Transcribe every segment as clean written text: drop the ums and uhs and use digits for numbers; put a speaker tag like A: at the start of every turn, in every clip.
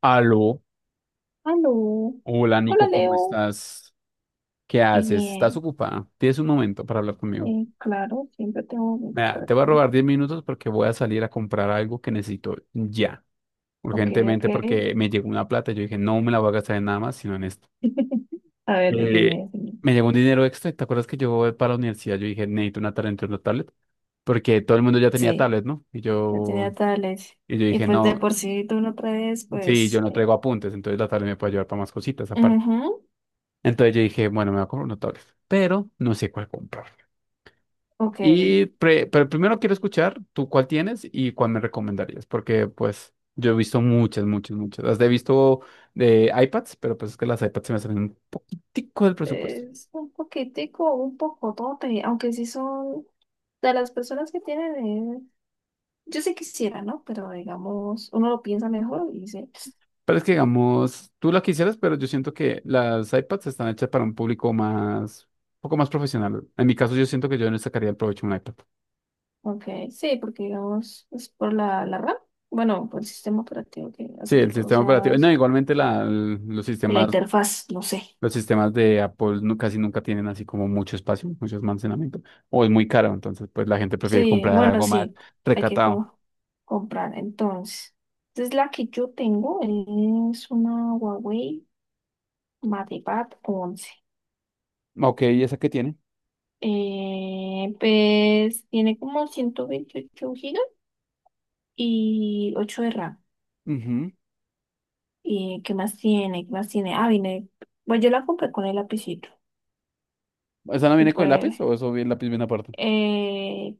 A: Aló,
B: Aló.
A: hola Nico,
B: Hola,
A: ¿cómo
B: Leo.
A: estás? ¿Qué haces? ¿Estás
B: Bien.
A: ocupada? ¿Tienes un momento para hablar conmigo?
B: Claro, siempre tengo que estar
A: Mira, te voy a
B: aquí.
A: robar 10 minutos porque voy a salir a comprar algo que necesito ya,
B: Ok, ok.
A: urgentemente, porque me llegó una plata y yo dije, no me la voy a gastar en nada más, sino en esto.
B: A ver,
A: Eh,
B: dime, dime.
A: me llegó un dinero extra y ¿te acuerdas que yo voy para la universidad? Yo dije, necesito una tablet, porque todo el mundo ya tenía
B: Sí,
A: tablet, ¿no? Y
B: yo
A: yo,
B: tenía tales.
A: y yo
B: Y
A: dije,
B: pues de
A: no,
B: por sí tú no traes,
A: sí, yo
B: pues.
A: no traigo apuntes, entonces la tablet me puede ayudar para más cositas aparte.
B: Ujú.
A: Entonces yo dije, bueno, me voy a comprar una tablet, pero no sé cuál comprar.
B: Ok.
A: Y pero primero quiero escuchar tú cuál tienes y cuál me recomendarías, porque pues yo he visto muchas, muchas, muchas. Las he visto de iPads, pero pues es que las iPads se me salen un poquitico del presupuesto.
B: Es un poquitico, un poco tote, aunque sí son de las personas que tienen. eh, Yo sí quisiera, ¿no? Pero digamos, uno lo piensa mejor y dice.
A: Pero es que digamos, tú la quisieras, pero yo siento que las iPads están hechas para un público más, un poco más profesional. En mi caso, yo siento que yo no sacaría el provecho de un iPad.
B: Ok, sí, porque digamos, es por la RAM, bueno, por el sistema operativo que
A: Sí,
B: hace que
A: el
B: todo
A: sistema
B: sea
A: operativo. No,
B: más,
A: igualmente la, los
B: y la
A: sistemas
B: interfaz, no sé.
A: Los sistemas de Apple casi nunca tienen así como mucho espacio, mucho almacenamiento, o es muy caro, entonces pues la gente prefiere
B: Sí,
A: comprar
B: bueno,
A: algo más
B: sí, hay que
A: recatado.
B: comprar entonces. Entonces la que yo tengo es una Huawei MatePad 11.
A: Ok, ¿y esa qué tiene?
B: Pues tiene como 128 gigas y 8 de RAM.
A: Ujú.
B: ¿Y qué más tiene? ¿Qué más tiene? Ah, viene, bueno, yo la compré con el lapicito
A: ¿Esa no
B: y
A: viene con el
B: pues.
A: lápiz o el lápiz viene aparte?
B: Eh,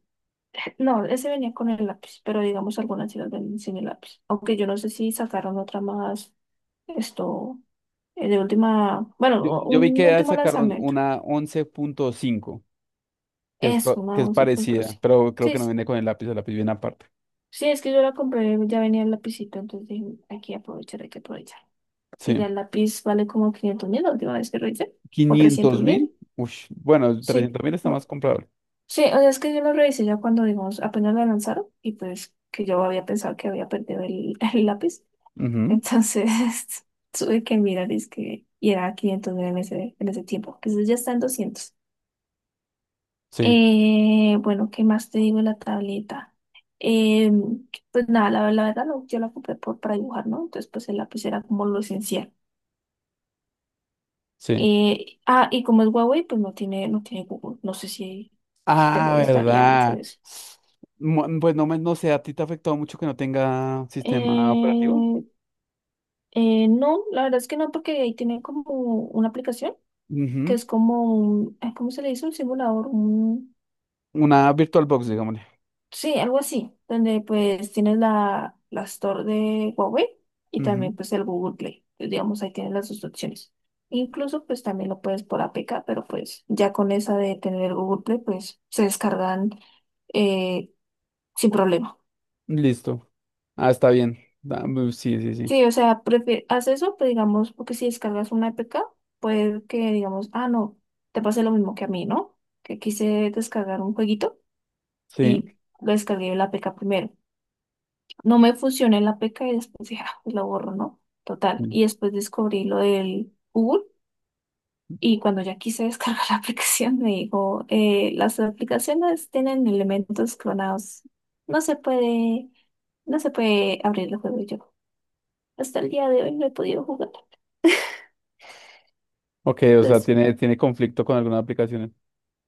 B: No, ese venía con el lápiz, pero digamos algunas sí las venden sin el lápiz. Aunque yo no sé si sacaron otra más, esto, de última, bueno,
A: Yo, yo vi
B: un
A: que ya
B: último
A: sacaron
B: lanzamiento.
A: una 11.5 que es,
B: Es una
A: que es parecida,
B: 11.5.
A: pero creo
B: Sí,
A: que no
B: sí,
A: viene con el lápiz viene aparte.
B: sí, es que yo la compré, ya venía el lapicito, entonces dije, hay que aprovechar, hay que aprovechar. Porque ya
A: Sí.
B: el lápiz vale como 500.000 la última vez que revisé, o
A: Quinientos
B: 300.000.
A: mil, Ush. Bueno,
B: Sí,
A: 300.000 está
B: bu-
A: más comprable.
B: sí, o sea, es que yo lo revisé ya cuando, digamos, apenas la lanzaron y pues que yo había pensado que había perdido el el lápiz.
A: Ujú,
B: Entonces tuve que mirar es que, y era 500.000 en ese tiempo. Entonces ya está en doscientos.
A: sí,
B: Bueno, ¿qué más te digo de la tableta? Eh, pues nada, la verdad yo la compré para dibujar, ¿no? Entonces pues el lápiz era como lo esencial.
A: sí.
B: Y como es Huawei, pues no tiene Google. No sé si te
A: Ah,
B: molestaría mucho
A: ¿verdad?
B: eso.
A: Pues no, no sé, ¿a ti te ha afectado mucho que no tenga sistema operativo?
B: Eh, no, la verdad es que no, porque ahí tienen como una aplicación que
A: Ujú.
B: es como un, ay, ¿cómo se le dice? Un simulador.
A: Una VirtualBox, digámosle.
B: Sí, algo así, donde pues tienes la Store de Huawei y
A: Ujú.
B: también pues el Google Play. Pues, digamos, ahí tienes las dos opciones. Incluso pues también lo puedes por APK, pero pues ya con esa de tener el Google Play pues se descargan eh, sin problema.
A: Listo. Ah, está bien. Sí, sí, sí.
B: Sí, o sea, haz eso, pues digamos, porque si descargas una APK, puede que digamos, ah, no, te pase lo mismo que a mí, ¿no? Que quise descargar un jueguito
A: Sí.
B: y lo descargué en la APK primero. No me fusioné en la peca y después dije, ah, pues lo borro, ¿no? Total.
A: Sí.
B: Y después descubrí lo del Google y cuando ya quise descargar la aplicación me dijo, las aplicaciones tienen elementos clonados. No se puede, no se puede abrir el juego. Y yo. Hasta el día de hoy no he podido jugar.
A: Ok, o sea,
B: Entonces,
A: tiene conflicto con algunas aplicaciones.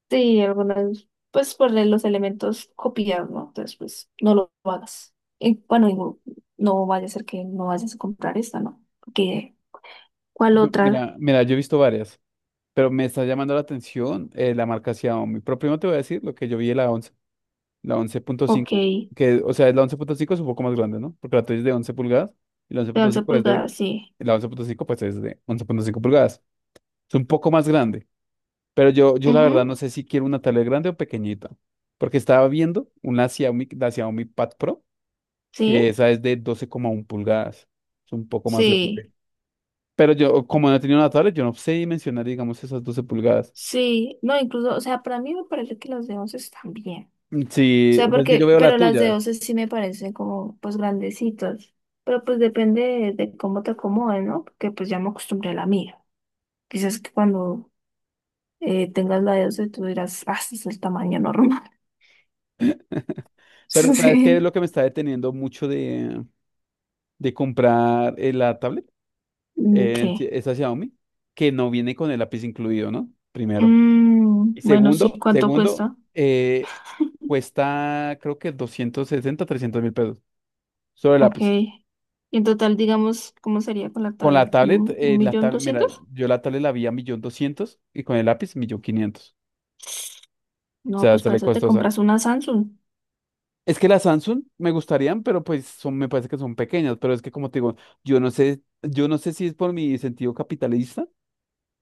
B: sí, algunas, pues por los elementos copiados, ¿no? Entonces, pues no lo hagas. Y bueno, digo, no vaya a ser que no vayas a comprar esta, ¿no? Porque, ¿cuál
A: No,
B: otra?
A: mira, mira, yo he visto varias, pero me está llamando la atención la marca Xiaomi. Pero primero te voy a decir lo que yo vi de la 11. La once punto
B: Ok.
A: cinco que, o sea, es la 11.5 es un poco más grande, ¿no? Porque la tuya es de 11 pulgadas y
B: De 11 pulgadas, sí.
A: la 11.5 pues es de 11.5 pulgadas. Es un poco más grande, pero yo la verdad
B: Ujú.
A: no sé si quiero una tablet grande o pequeñita, porque estaba viendo una Xiaomi, la Xiaomi Pad Pro, que
B: Sí,
A: esa es de 12,1 pulgadas, es un poco más
B: sí,
A: grande. Pero yo, como no he tenido una tablet, yo no sé dimensionar, digamos, esas 12 pulgadas.
B: sí. No, incluso, o sea, para mí me parece que las de 11 están bien. O
A: Sí,
B: sea,
A: pues, es que yo
B: porque,
A: veo la
B: pero las de
A: tuya.
B: 11 sí me parecen como, pues, grandecitas. Pero pues depende de cómo te acomode, ¿no? Porque pues ya me acostumbré a la mía. Quizás que cuando tengas la de 11 tú dirás, ah, este es el tamaño normal.
A: Pero sabes qué es
B: Sí.
A: lo que me está deteniendo mucho de comprar la tablet,
B: Mm, ¿qué?
A: esa Xiaomi, que no viene con el lápiz incluido, ¿no? Primero.
B: Mm,
A: Y
B: bueno, sí,
A: Segundo,
B: ¿cuánto
A: segundo,
B: cuesta?
A: eh, cuesta creo que 260 300.000 pesos, solo el
B: Ok.
A: lápiz.
B: Y en total, digamos, ¿cómo sería con la
A: Con
B: tablet? ¿Un
A: la
B: millón
A: tablet, mira,
B: doscientos?
A: yo la tablet la vi a millón doscientos y con el lápiz millón quinientos. O
B: No,
A: sea,
B: pues para
A: sale
B: eso te
A: costosa.
B: compras una Samsung.
A: Es que las Samsung me gustarían, pero pues son, me parece que son pequeñas, pero es que como te digo, yo no sé si es por mi sentido capitalista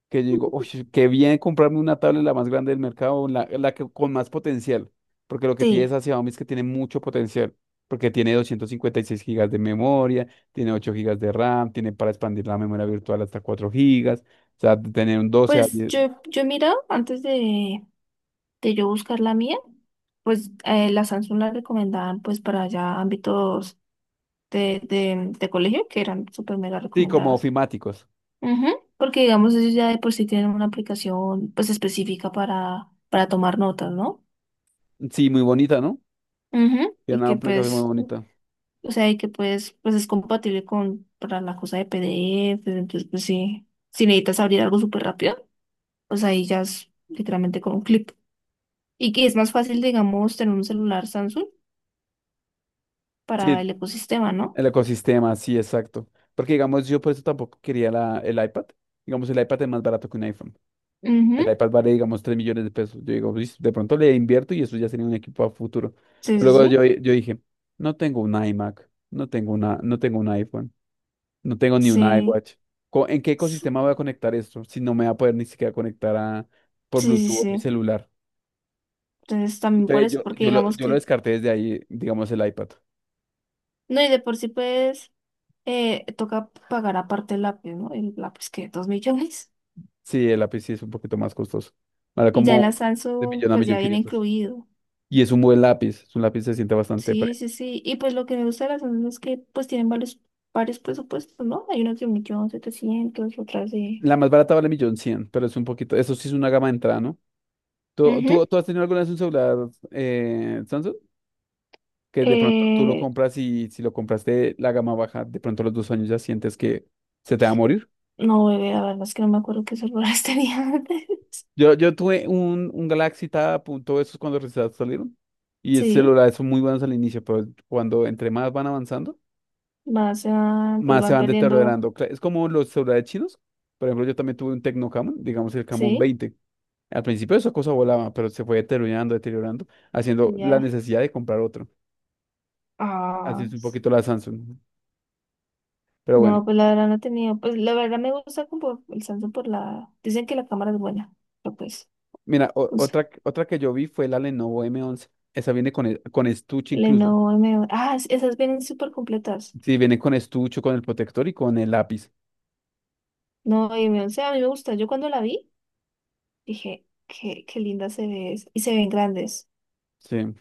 A: que yo digo, "Ush, qué bien comprarme una tablet la más grande del mercado, con más potencial, porque lo que tiene
B: Sí,
A: esa Xiaomi es que tiene mucho potencial, porque tiene 256 gigas de memoria, tiene 8 gigas de RAM, tiene para expandir la memoria virtual hasta 4 gigas, o sea, tener un 12 a
B: pues
A: 10,
B: yo he mirado antes de yo buscar la mía, pues la Samsung la recomendaban pues para ya ámbitos de colegio que eran súper mega
A: sí, como
B: recomendadas.
A: ofimáticos.
B: Ujú. Porque digamos ellos ya de por sí tienen una aplicación pues específica para tomar notas, ¿no?
A: Sí, muy bonita, ¿no?
B: Ujú.
A: Tiene
B: Y
A: una
B: que
A: aplicación muy
B: pues,
A: bonita.
B: o sea, y que pues, pues es compatible con para la cosa de PDF, entonces pues sí, si necesitas abrir algo súper rápido. O sea, ahí ya es literalmente con un clip. Y que es más fácil, digamos, tener un celular Samsung
A: Sí,
B: para el ecosistema, ¿no?
A: el ecosistema, sí, exacto. Porque digamos, yo por eso tampoco quería el iPad. Digamos, el iPad es más barato que un iPhone. El
B: Ujú.
A: iPad vale, digamos, 3 millones de pesos. Yo digo, "Uy, de pronto le invierto y eso ya sería un equipo a futuro.
B: Sí, sí,
A: Luego
B: sí.
A: yo dije, no tengo un iMac, no tengo un iPhone, no tengo ni un
B: Sí,
A: iWatch. ¿En qué ecosistema voy a conectar esto si no me va a poder ni siquiera conectar por
B: sí, sí,
A: Bluetooth a mi
B: sí.
A: celular?
B: Entonces también por
A: Entonces
B: eso,
A: yo,
B: porque
A: yo lo,
B: digamos
A: yo lo
B: que,
A: descarté desde ahí, digamos, el iPad.
B: no, y de por sí pues toca pagar aparte el lápiz, ¿no? El lápiz que 2 millones.
A: Sí, el lápiz sí es un poquito más costoso. Vale
B: Y ya la
A: como de
B: Samsung
A: millón a
B: pues
A: millón
B: ya viene
A: quinientos.
B: incluido.
A: Y es un buen lápiz, es un lápiz que se siente bastante.
B: Sí, sí, sí. Y pues lo que me gusta de las Samsung es que pues tienen varios presupuestos, ¿no? Hay unos de 1.700.000, otras de...
A: La más barata vale millón cien, pero es un poquito, eso sí es una gama de entrada, ¿no? ¿Tú,
B: Ujú.
A: tú, tú has tenido alguna vez un celular Samsung? Que de pronto tú lo
B: Eh,
A: compras y si lo compraste la gama baja, de pronto a los 2 años ya sientes que se te va a morir.
B: No, bebé, la verdad es que no me acuerdo qué celulares tenía antes.
A: Yo tuve un Galaxy Tab, punto, esos cuando recién salieron. Y esos
B: Sí,
A: celulares son muy buenos al inicio, pero cuando entre más van avanzando,
B: pues
A: más se
B: van
A: van
B: perdiendo,
A: deteriorando. Es como los celulares chinos. Por ejemplo, yo también tuve un Tecno Camon, digamos el Camon
B: sí,
A: veinte Al principio esa cosa volaba, pero se fue deteriorando, deteriorando, haciendo
B: y
A: la
B: ya.
A: necesidad de comprar otro. Así
B: Ah,
A: es un poquito la Samsung. Pero bueno,
B: no, pues la verdad no he tenido, pues la verdad me gusta como el Samsung dicen que la cámara es buena, pero
A: mira, o-
B: pues
A: otra, otra que yo vi fue la Lenovo M11. Esa viene con estuche incluso.
B: Lenovo M11, ah, esas vienen súper completas.
A: Sí, viene con estuche, con el protector y con el lápiz.
B: No, y M11 a mí me gusta, yo cuando la vi dije, qué linda se ve, es", y se ven grandes.
A: Sí.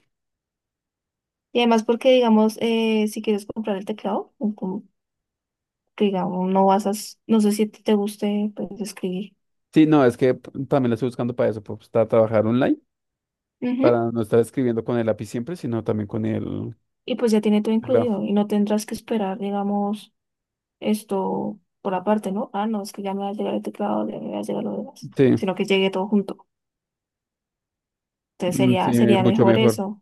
B: Y además porque, digamos, si quieres comprar el teclado, digamos, no sé si a ti te guste, pues, escribir.
A: Sí, no, es que también la estoy buscando para eso, pues, para trabajar online,
B: Ujú.
A: para no estar escribiendo con el lápiz siempre, sino también con el
B: Y pues ya tiene todo
A: teclado.
B: incluido y no tendrás que esperar, digamos, esto por aparte, ¿no? Ah, no, es que ya me va a llegar el teclado, ya me va a llegar lo demás,
A: Sí,
B: sino que llegue todo junto. Entonces
A: mm, sí,
B: sería
A: mucho
B: mejor
A: mejor.
B: eso.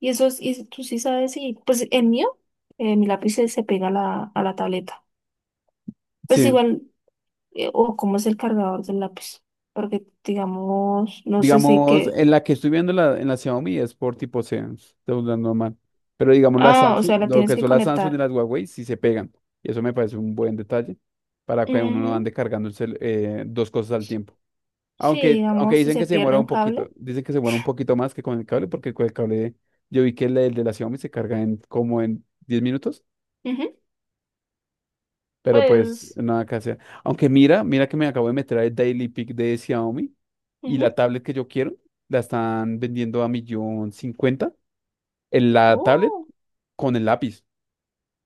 B: Y eso es, y tú sí sabes, y pues el mío, mi lápiz se pega a a la tableta. Pues
A: Sí,
B: igual, o cómo es el cargador del lápiz, porque digamos, no sé si
A: digamos,
B: que,
A: en la que estoy viendo en la Xiaomi es por tipo C, estoy hablando mal. Pero digamos,
B: ah, o sea, la
A: Lo
B: tienes
A: que
B: que
A: son las Samsung y
B: conectar.
A: las Huawei sí se pegan. Y eso me parece un buen detalle para que uno no ande cargando dos cosas al tiempo.
B: Sí,
A: Aunque
B: digamos, si
A: dicen
B: se
A: que se
B: pierde
A: demora
B: un
A: un
B: cable,
A: poquito, dicen que se demora un poquito más que con el cable, porque con el cable yo vi que el de la Xiaomi se carga en como en 10 minutos,
B: ujú,
A: pero pues
B: pues,
A: nada que hacer. Aunque mira, mira que me acabo de meter al Daily Pick de Xiaomi y
B: ujú.
A: la tablet que yo quiero la están vendiendo a millón cincuenta, en la tablet
B: Oh,
A: con el lápiz.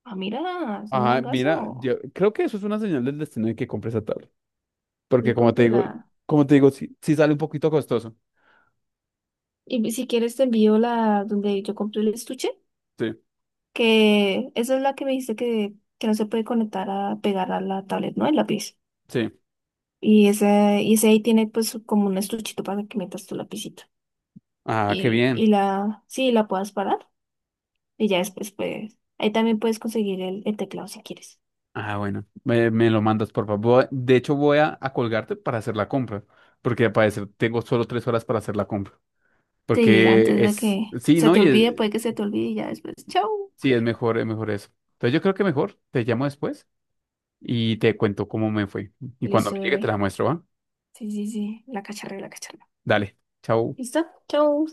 B: ah, mira, es un
A: Ajá, mira,
B: gangazo.
A: yo creo que eso es una señal del destino de que compres esa tablet. Porque
B: Y
A: como te digo,
B: cómprala.
A: como te digo, sí, sí sale un poquito costoso.
B: Y si quieres te envío la donde yo compré el estuche,
A: Sí,
B: que esa es la que me dijiste que no se puede conectar a pegar a la tablet, ¿no? El lápiz.
A: sí.
B: Y y ese ahí tiene pues como un estuchito para que metas tu lapicito.
A: Ah, qué bien.
B: Y la, sí, la puedas parar. Y ya después, pues, ahí también puedes conseguir el teclado si quieres.
A: Ah, bueno, me lo mandas, por favor. De hecho, voy a colgarte para hacer la compra. Porque al parecer tengo solo 3 horas para hacer la compra.
B: Sí, antes
A: Porque
B: de
A: es,
B: que
A: sí,
B: se
A: ¿no?
B: te olvide, puede que se te olvide y ya después, chau.
A: Sí, es mejor eso. Entonces yo creo que mejor te llamo después y te cuento cómo me fue. Y cuando
B: Listo,
A: me llegue te la
B: bebé.
A: muestro, ¿va?
B: Sí, sí, sí, la cacharré, la cacharré.
A: Dale, chao.
B: ¿Listo? Chau.